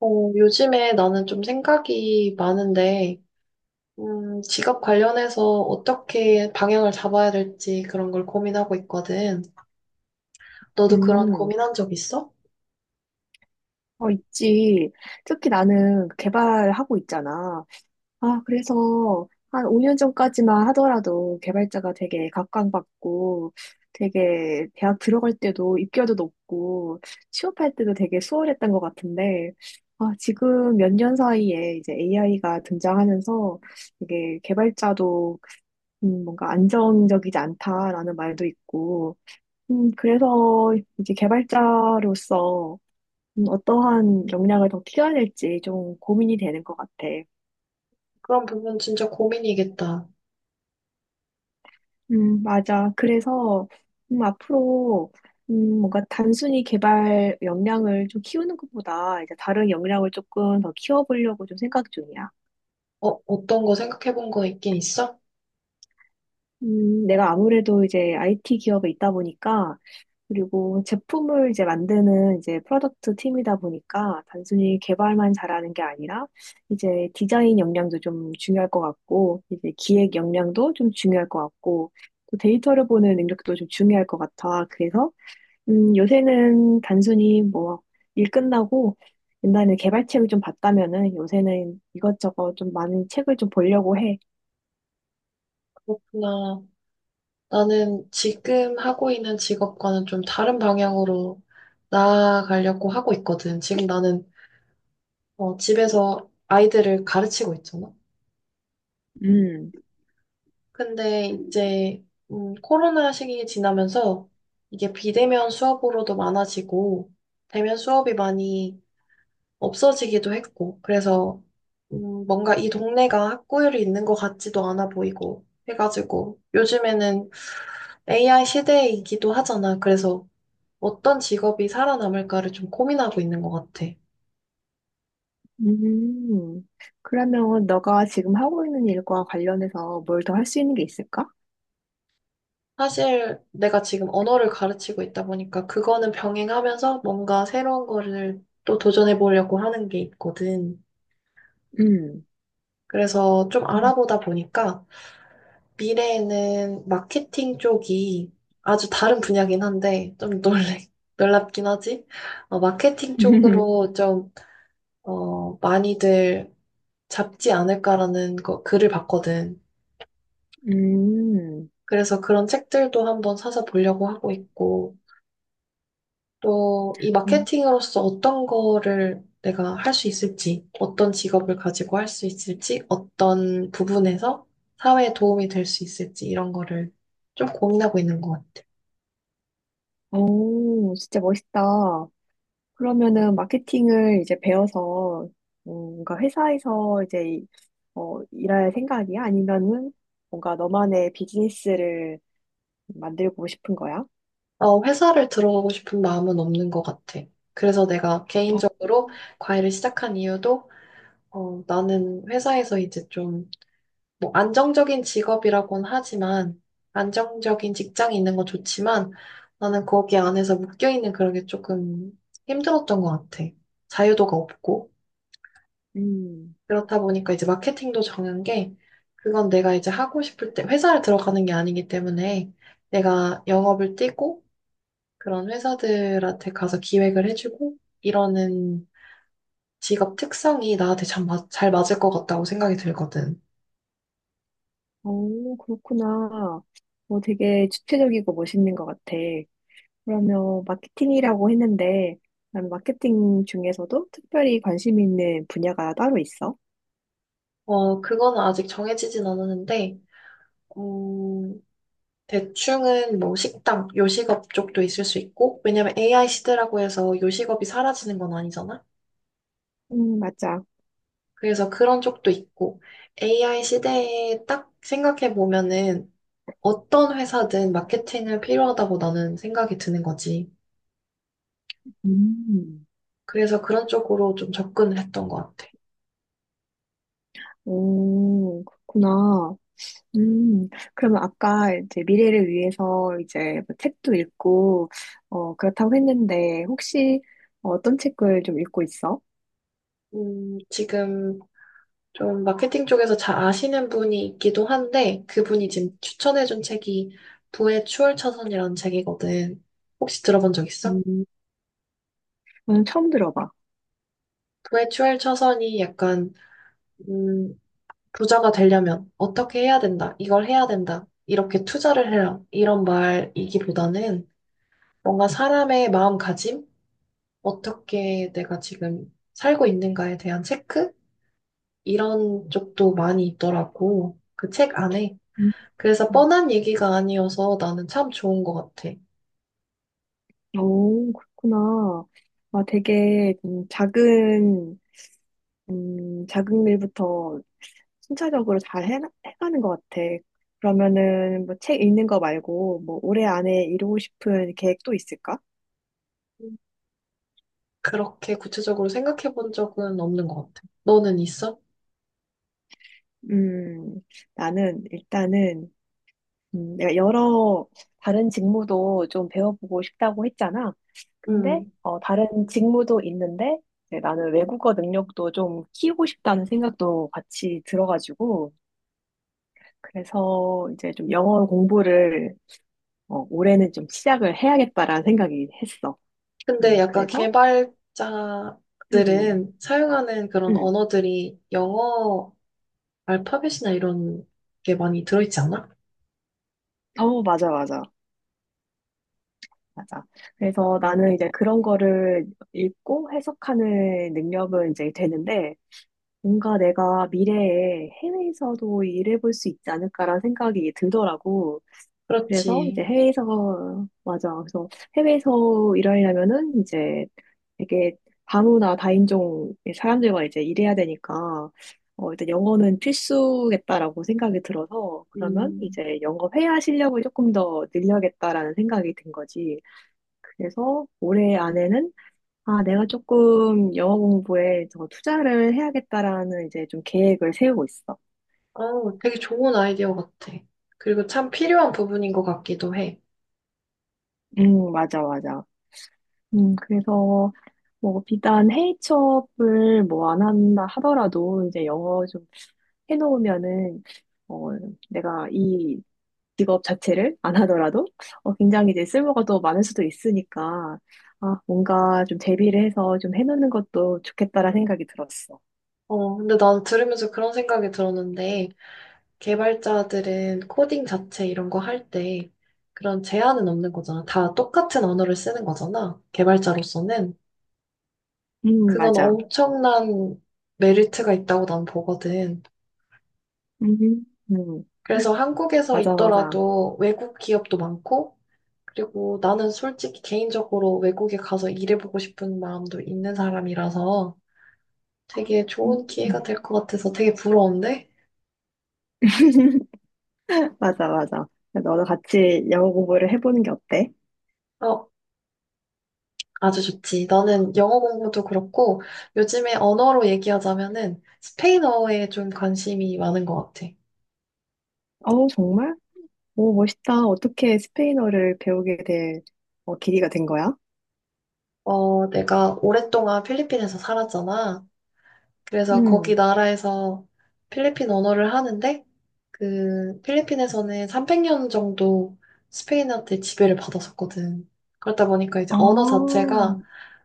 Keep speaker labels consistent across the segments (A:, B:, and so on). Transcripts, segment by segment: A: 요즘에 나는 좀 생각이 많은데, 직업 관련해서 어떻게 방향을 잡아야 될지 그런 걸 고민하고 있거든. 너도 그런
B: 음,
A: 고민한 적 있어?
B: 어, 있지. 특히 나는 개발하고 있잖아. 아, 그래서 한 5년 전까지만 하더라도 개발자가 되게 각광받고 되게 대학 들어갈 때도 입결도 높고 취업할 때도 되게 수월했던 것 같은데, 아, 지금 몇 년 사이에 이제 AI가 등장하면서 되게 개발자도 뭔가 안정적이지 않다라는 말도 있고, 그래서 이제 개발자로서 어떠한 역량을 더 키워낼지 좀 고민이 되는 것 같아.
A: 그런 부분 진짜 고민이겠다.
B: 맞아. 그래서, 앞으로, 뭔가 단순히 개발 역량을 좀 키우는 것보다 이제 다른 역량을 조금 더 키워보려고 좀 생각 중이야.
A: 어떤 거 생각해 본 거 있긴 있어?
B: 내가 아무래도 이제 IT 기업에 있다 보니까 그리고 제품을 이제 만드는 이제 프로덕트 팀이다 보니까 단순히 개발만 잘하는 게 아니라 이제 디자인 역량도 좀 중요할 것 같고 이제 기획 역량도 좀 중요할 것 같고 또 데이터를 보는 능력도 좀 중요할 것 같아. 그래서 요새는 단순히 뭐 일 끝나고 옛날에 개발책을 좀 봤다면은 요새는 이것저것 좀 많은 책을 좀 보려고 해.
A: 그렇구나. 나는 지금 하고 있는 직업과는 좀 다른 방향으로 나아가려고 하고 있거든. 지금 나는 집에서 아이들을 가르치고 있잖아.
B: 음.
A: 근데 이제 코로나 시기 지나면서 이게 비대면 수업으로도 많아지고 대면 수업이 많이 없어지기도 했고 그래서 뭔가 이 동네가 학구열이 있는 것 같지도 않아 보이고 해가지고 요즘에는 AI 시대이기도 하잖아. 그래서 어떤 직업이 살아남을까를 좀 고민하고 있는 것 같아.
B: 음, 그러면 너가 지금 하고 있는 일과 관련해서 뭘 더 할 수 있는 게 있을까?
A: 사실 내가 지금 언어를 가르치고 있다 보니까 그거는 병행하면서 뭔가 새로운 거를 또 도전해 보려고 하는 게 있거든.
B: 음,
A: 그래서 좀
B: 음.
A: 알아보다 보니까 미래에는 마케팅 쪽이 아주 다른 분야긴 한데 좀 놀래, 놀랍긴 하지? 마케팅 쪽으로 좀, 많이들 잡지 않을까라는 거, 글을 봤거든.
B: 음,
A: 그래서 그런 책들도 한번 사서 보려고 하고 있고, 또 이
B: 어,
A: 마케팅으로서 어떤 거를 내가 할 수 있을지, 어떤 직업을 가지고 할 수 있을지, 어떤 부분에서 사회에 도움이 될 수 있을지, 이런 거를 좀 고민하고 있는 것 같아.
B: 오, 진짜 멋있다. 그러면은 마케팅을 이제 배워서 뭔가 회사에서 이제 일할 생각이야? 아니면은 뭔가 너만의 비즈니스를 만들고 싶은 거야?
A: 회사를 들어가고 싶은 마음은 없는 것 같아. 그래서 내가
B: 어,
A: 개인적으로 과외를 시작한 이유도, 나는 회사에서 이제 좀 뭐 안정적인 직업이라고는 하지만 안정적인 직장이 있는 건 좋지만 나는 거기 안에서 묶여 있는 그런 게 조금 힘들었던 것 같아. 자유도가 없고
B: 음,
A: 그렇다 보니까 이제 마케팅도 정한 게 그건 내가 이제 하고 싶을 때 회사를 들어가는 게 아니기 때문에 내가 영업을 뛰고 그런 회사들한테 가서 기획을 해주고 이러는 직업 특성이 나한테 참 잘 맞을 것 같다고 생각이 들거든.
B: 오, 그렇구나. 뭐 되게 주체적이고 멋있는 것 같아. 그러면 마케팅이라고 했는데, 그럼 마케팅 중에서도 특별히 관심 있는 분야가 따로 있어?
A: 그거는 아직 정해지진 않았는데 음, 대충은 뭐 식당, 요식업 쪽도 있을 수 있고, 왜냐면 AI 시대라고 해서 요식업이 사라지는 건 아니잖아?
B: 맞아.
A: 그래서 그런 쪽도 있고, AI 시대에 딱 생각해 보면은 어떤 회사든 마케팅을 필요하다고 나는 생각이 드는 거지.
B: 음,
A: 그래서 그런 쪽으로 좀 접근을 했던 것 같아.
B: 오, 그렇구나. 음, 그러면 아까 이제 미래를 위해서 이제 뭐 책도 읽고, 그렇다고 했는데, 혹시 어떤 책을 좀 읽고 있어?
A: 지금 좀 마케팅 쪽에서 잘 아시는 분이 있기도 한데, 그분이 지금 추천해준 책이 부의 추월차선이라는 책이거든. 혹시 들어본 적 있어?
B: 음, 저는 처음 들어봐.
A: 외출 처선이 약간, 음, 부자가 되려면 어떻게 해야 된다, 이걸 해야 된다, 이렇게 투자를 해라, 이런 말이기보다는 뭔가 사람의 마음가짐, 어떻게 내가 지금 살고 있는가에 대한 체크? 이런 쪽도 많이 있더라고. 그 책 안에.
B: 음,
A: 그래서 뻔한 얘기가 아니어서 나는 참 좋은 것 같아.
B: 오, 그렇구나. 아, 되게 작은, 작은 일부터 순차적으로 잘 해가는 것 같아. 그러면은 뭐 책 읽는 거 말고 뭐 올해 안에 이루고 싶은 계획 또 있을까?
A: 음, 그렇게 구체적으로 생각해 본 적은 없는 것 같아. 너는 있어?
B: 음, 나는 일단은 내가 여러 다른 직무도 좀 배워보고 싶다고 했잖아. 근데
A: 음.
B: 다른 직무도 있는데 이제 나는 외국어 능력도 좀 키우고 싶다는 생각도 같이 들어가지고 그래서 이제 좀 영어 공부를 올해는 좀 시작을 해야겠다라는 생각이 했어.
A: 근데 약간
B: 그래서 음,
A: 개발자들은 사용하는 그런
B: 음.
A: 언어들이 영어 알파벳이나 이런 게 많이 들어있지 않아?
B: 어, 맞아, 맞아, 맞아. 그래서 나는 이제 그런 거를 읽고 해석하는 능력은 이제 되는데, 뭔가 내가 미래에 해외에서도 일해볼 수 있지 않을까라는 생각이 들더라고. 그래서 이제
A: 그렇지.
B: 해외에서, 맞아. 그래서 해외에서 일하려면은 이제 되게 다문화 다인종의 사람들과 이제 일해야 되니까, 일단 영어는 필수겠다라고 생각이 들어서, 그러면
A: 음,
B: 이제 영어 회화 실력을 조금 더 늘려야겠다라는 생각이 든 거지. 그래서 올해 안에는, 아, 내가 조금 영어 공부에 더 투자를 해야겠다라는 이제 좀 계획을 세우고 있어.
A: 되게 좋은 아이디어 같아. 그리고 참 필요한 부분인 것 같기도 해.
B: 맞아, 맞아. 그래서 뭐 비단 해외 취업을 뭐 안 한다 하더라도 이제 영어 좀 해놓으면은 어 내가 이 직업 자체를 안 하더라도 굉장히 이제 쓸모가 더 많을 수도 있으니까 뭔가 좀 대비를 해서 좀 해놓는 것도 좋겠다라는 생각이 들었어.
A: 근데 난 들으면서 그런 생각이 들었는데, 개발자들은 코딩 자체 이런 거 할 때 그런 제한은 없는 거잖아. 다 똑같은 언어를 쓰는 거잖아. 개발자로서는. 그건
B: 맞아.
A: 엄청난 메리트가 있다고 난 보거든.
B: 음, 음
A: 그래서 한국에서
B: 맞아 맞아.
A: 있더라도 외국 기업도 많고, 그리고 나는 솔직히 개인적으로 외국에 가서 일해보고 싶은 마음도 있는 사람이라서 되게
B: 음.
A: 좋은 기회가 될 것 같아서 되게 부러운데?
B: 맞아 맞아. 너도 같이 영어 공부를 해보는 게 어때?
A: 어, 아주 좋지. 나는 영어 공부도 그렇고, 요즘에 언어로 얘기하자면은 스페인어에 좀 관심이 많은 것 같아.
B: 어우 정말? 오, 멋있다. 어떻게 스페인어를 배우게 될 계기가 된 거야?
A: 내가 오랫동안 필리핀에서 살았잖아. 그래서 거기
B: 음.
A: 나라에서 필리핀 언어를 하는데 그 필리핀에서는 300년 정도 스페인한테 지배를 받았었거든. 그렇다 보니까 이제
B: 아,
A: 언어 자체가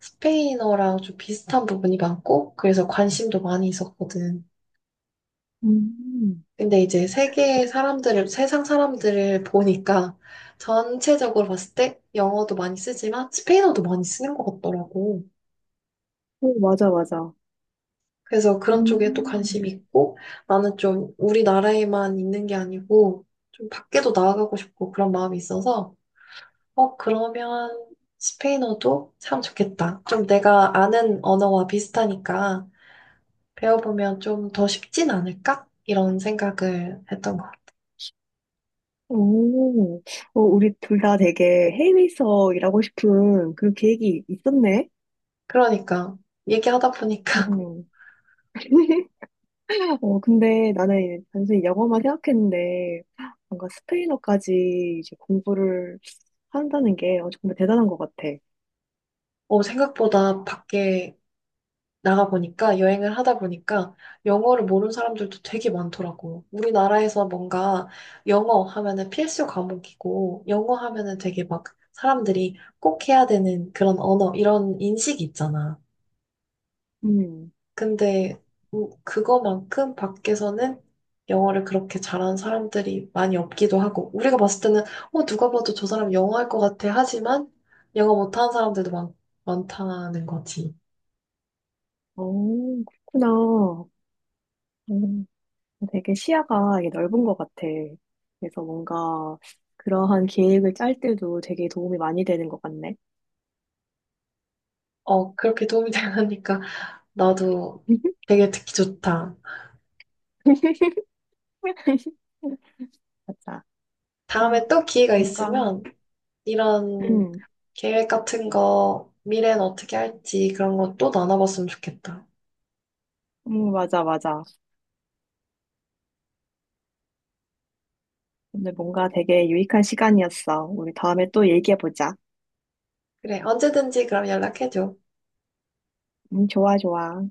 A: 스페인어랑 좀 비슷한 부분이 많고 그래서 관심도 많이 있었거든.
B: 음.
A: 근데 이제 세계 사람들을 세상 사람들을 보니까 전체적으로 봤을 때 영어도 많이 쓰지만 스페인어도 많이 쓰는 것 같더라고.
B: 오, 맞아, 맞아.
A: 그래서 그런 쪽에 또 관심이
B: 음.
A: 있고, 나는 좀 우리나라에만 있는 게 아니고, 좀 밖에도 나아가고 싶고 그런 마음이 있어서, 그러면 스페인어도 참 좋겠다. 좀 내가 아는 언어와 비슷하니까 배워보면 좀 더 쉽진 않을까? 이런 생각을 했던 거.
B: 오, 우리 둘 다 되게 해외에서 일하고 싶은 그 계획이 있었네.
A: 그러니까, 얘기하다 보니까,
B: 음. 근데 나는 단순히 영어만 생각했는데 뭔가 스페인어까지 이제 공부를 한다는 게 정말 대단한 것 같아.
A: 생각보다 밖에 나가 보니까 여행을 하다 보니까 영어를 모르는 사람들도 되게 많더라고. 우리나라에서 뭔가 영어 하면은 필수 과목이고 영어 하면은 되게 막 사람들이 꼭 해야 되는 그런 언어 이런 인식이 있잖아.
B: 음.
A: 근데 그거만큼 밖에서는 영어를 그렇게 잘하는 사람들이 많이 없기도 하고 우리가 봤을 때는 어 누가 봐도 저 사람 영어 할 것 같아 하지만 영어 못하는 사람들도 많다는 거지.
B: 어, 그렇구나. 어, 되게 시야가 이게 넓은 것 같아. 그래서 뭔가 그러한 계획을 짤 때도 되게 도움이 많이 되는 것 같네.
A: 어 그렇게 도움이 되니까 나도 되게 듣기 좋다.
B: 맞아. 아,
A: 다음에 또 기회가
B: 뭔가,
A: 있으면 이런
B: 음,
A: 계획 같은 거, 미래는 어떻게 할지 그런 거 또 나눠봤으면 좋겠다.
B: 맞아, 맞아. 오늘 뭔가 되게 유익한 시간이었어. 우리 다음에 또 얘기해보자.
A: 그래, 언제든지 그럼 연락해줘.
B: 좋아, 좋아.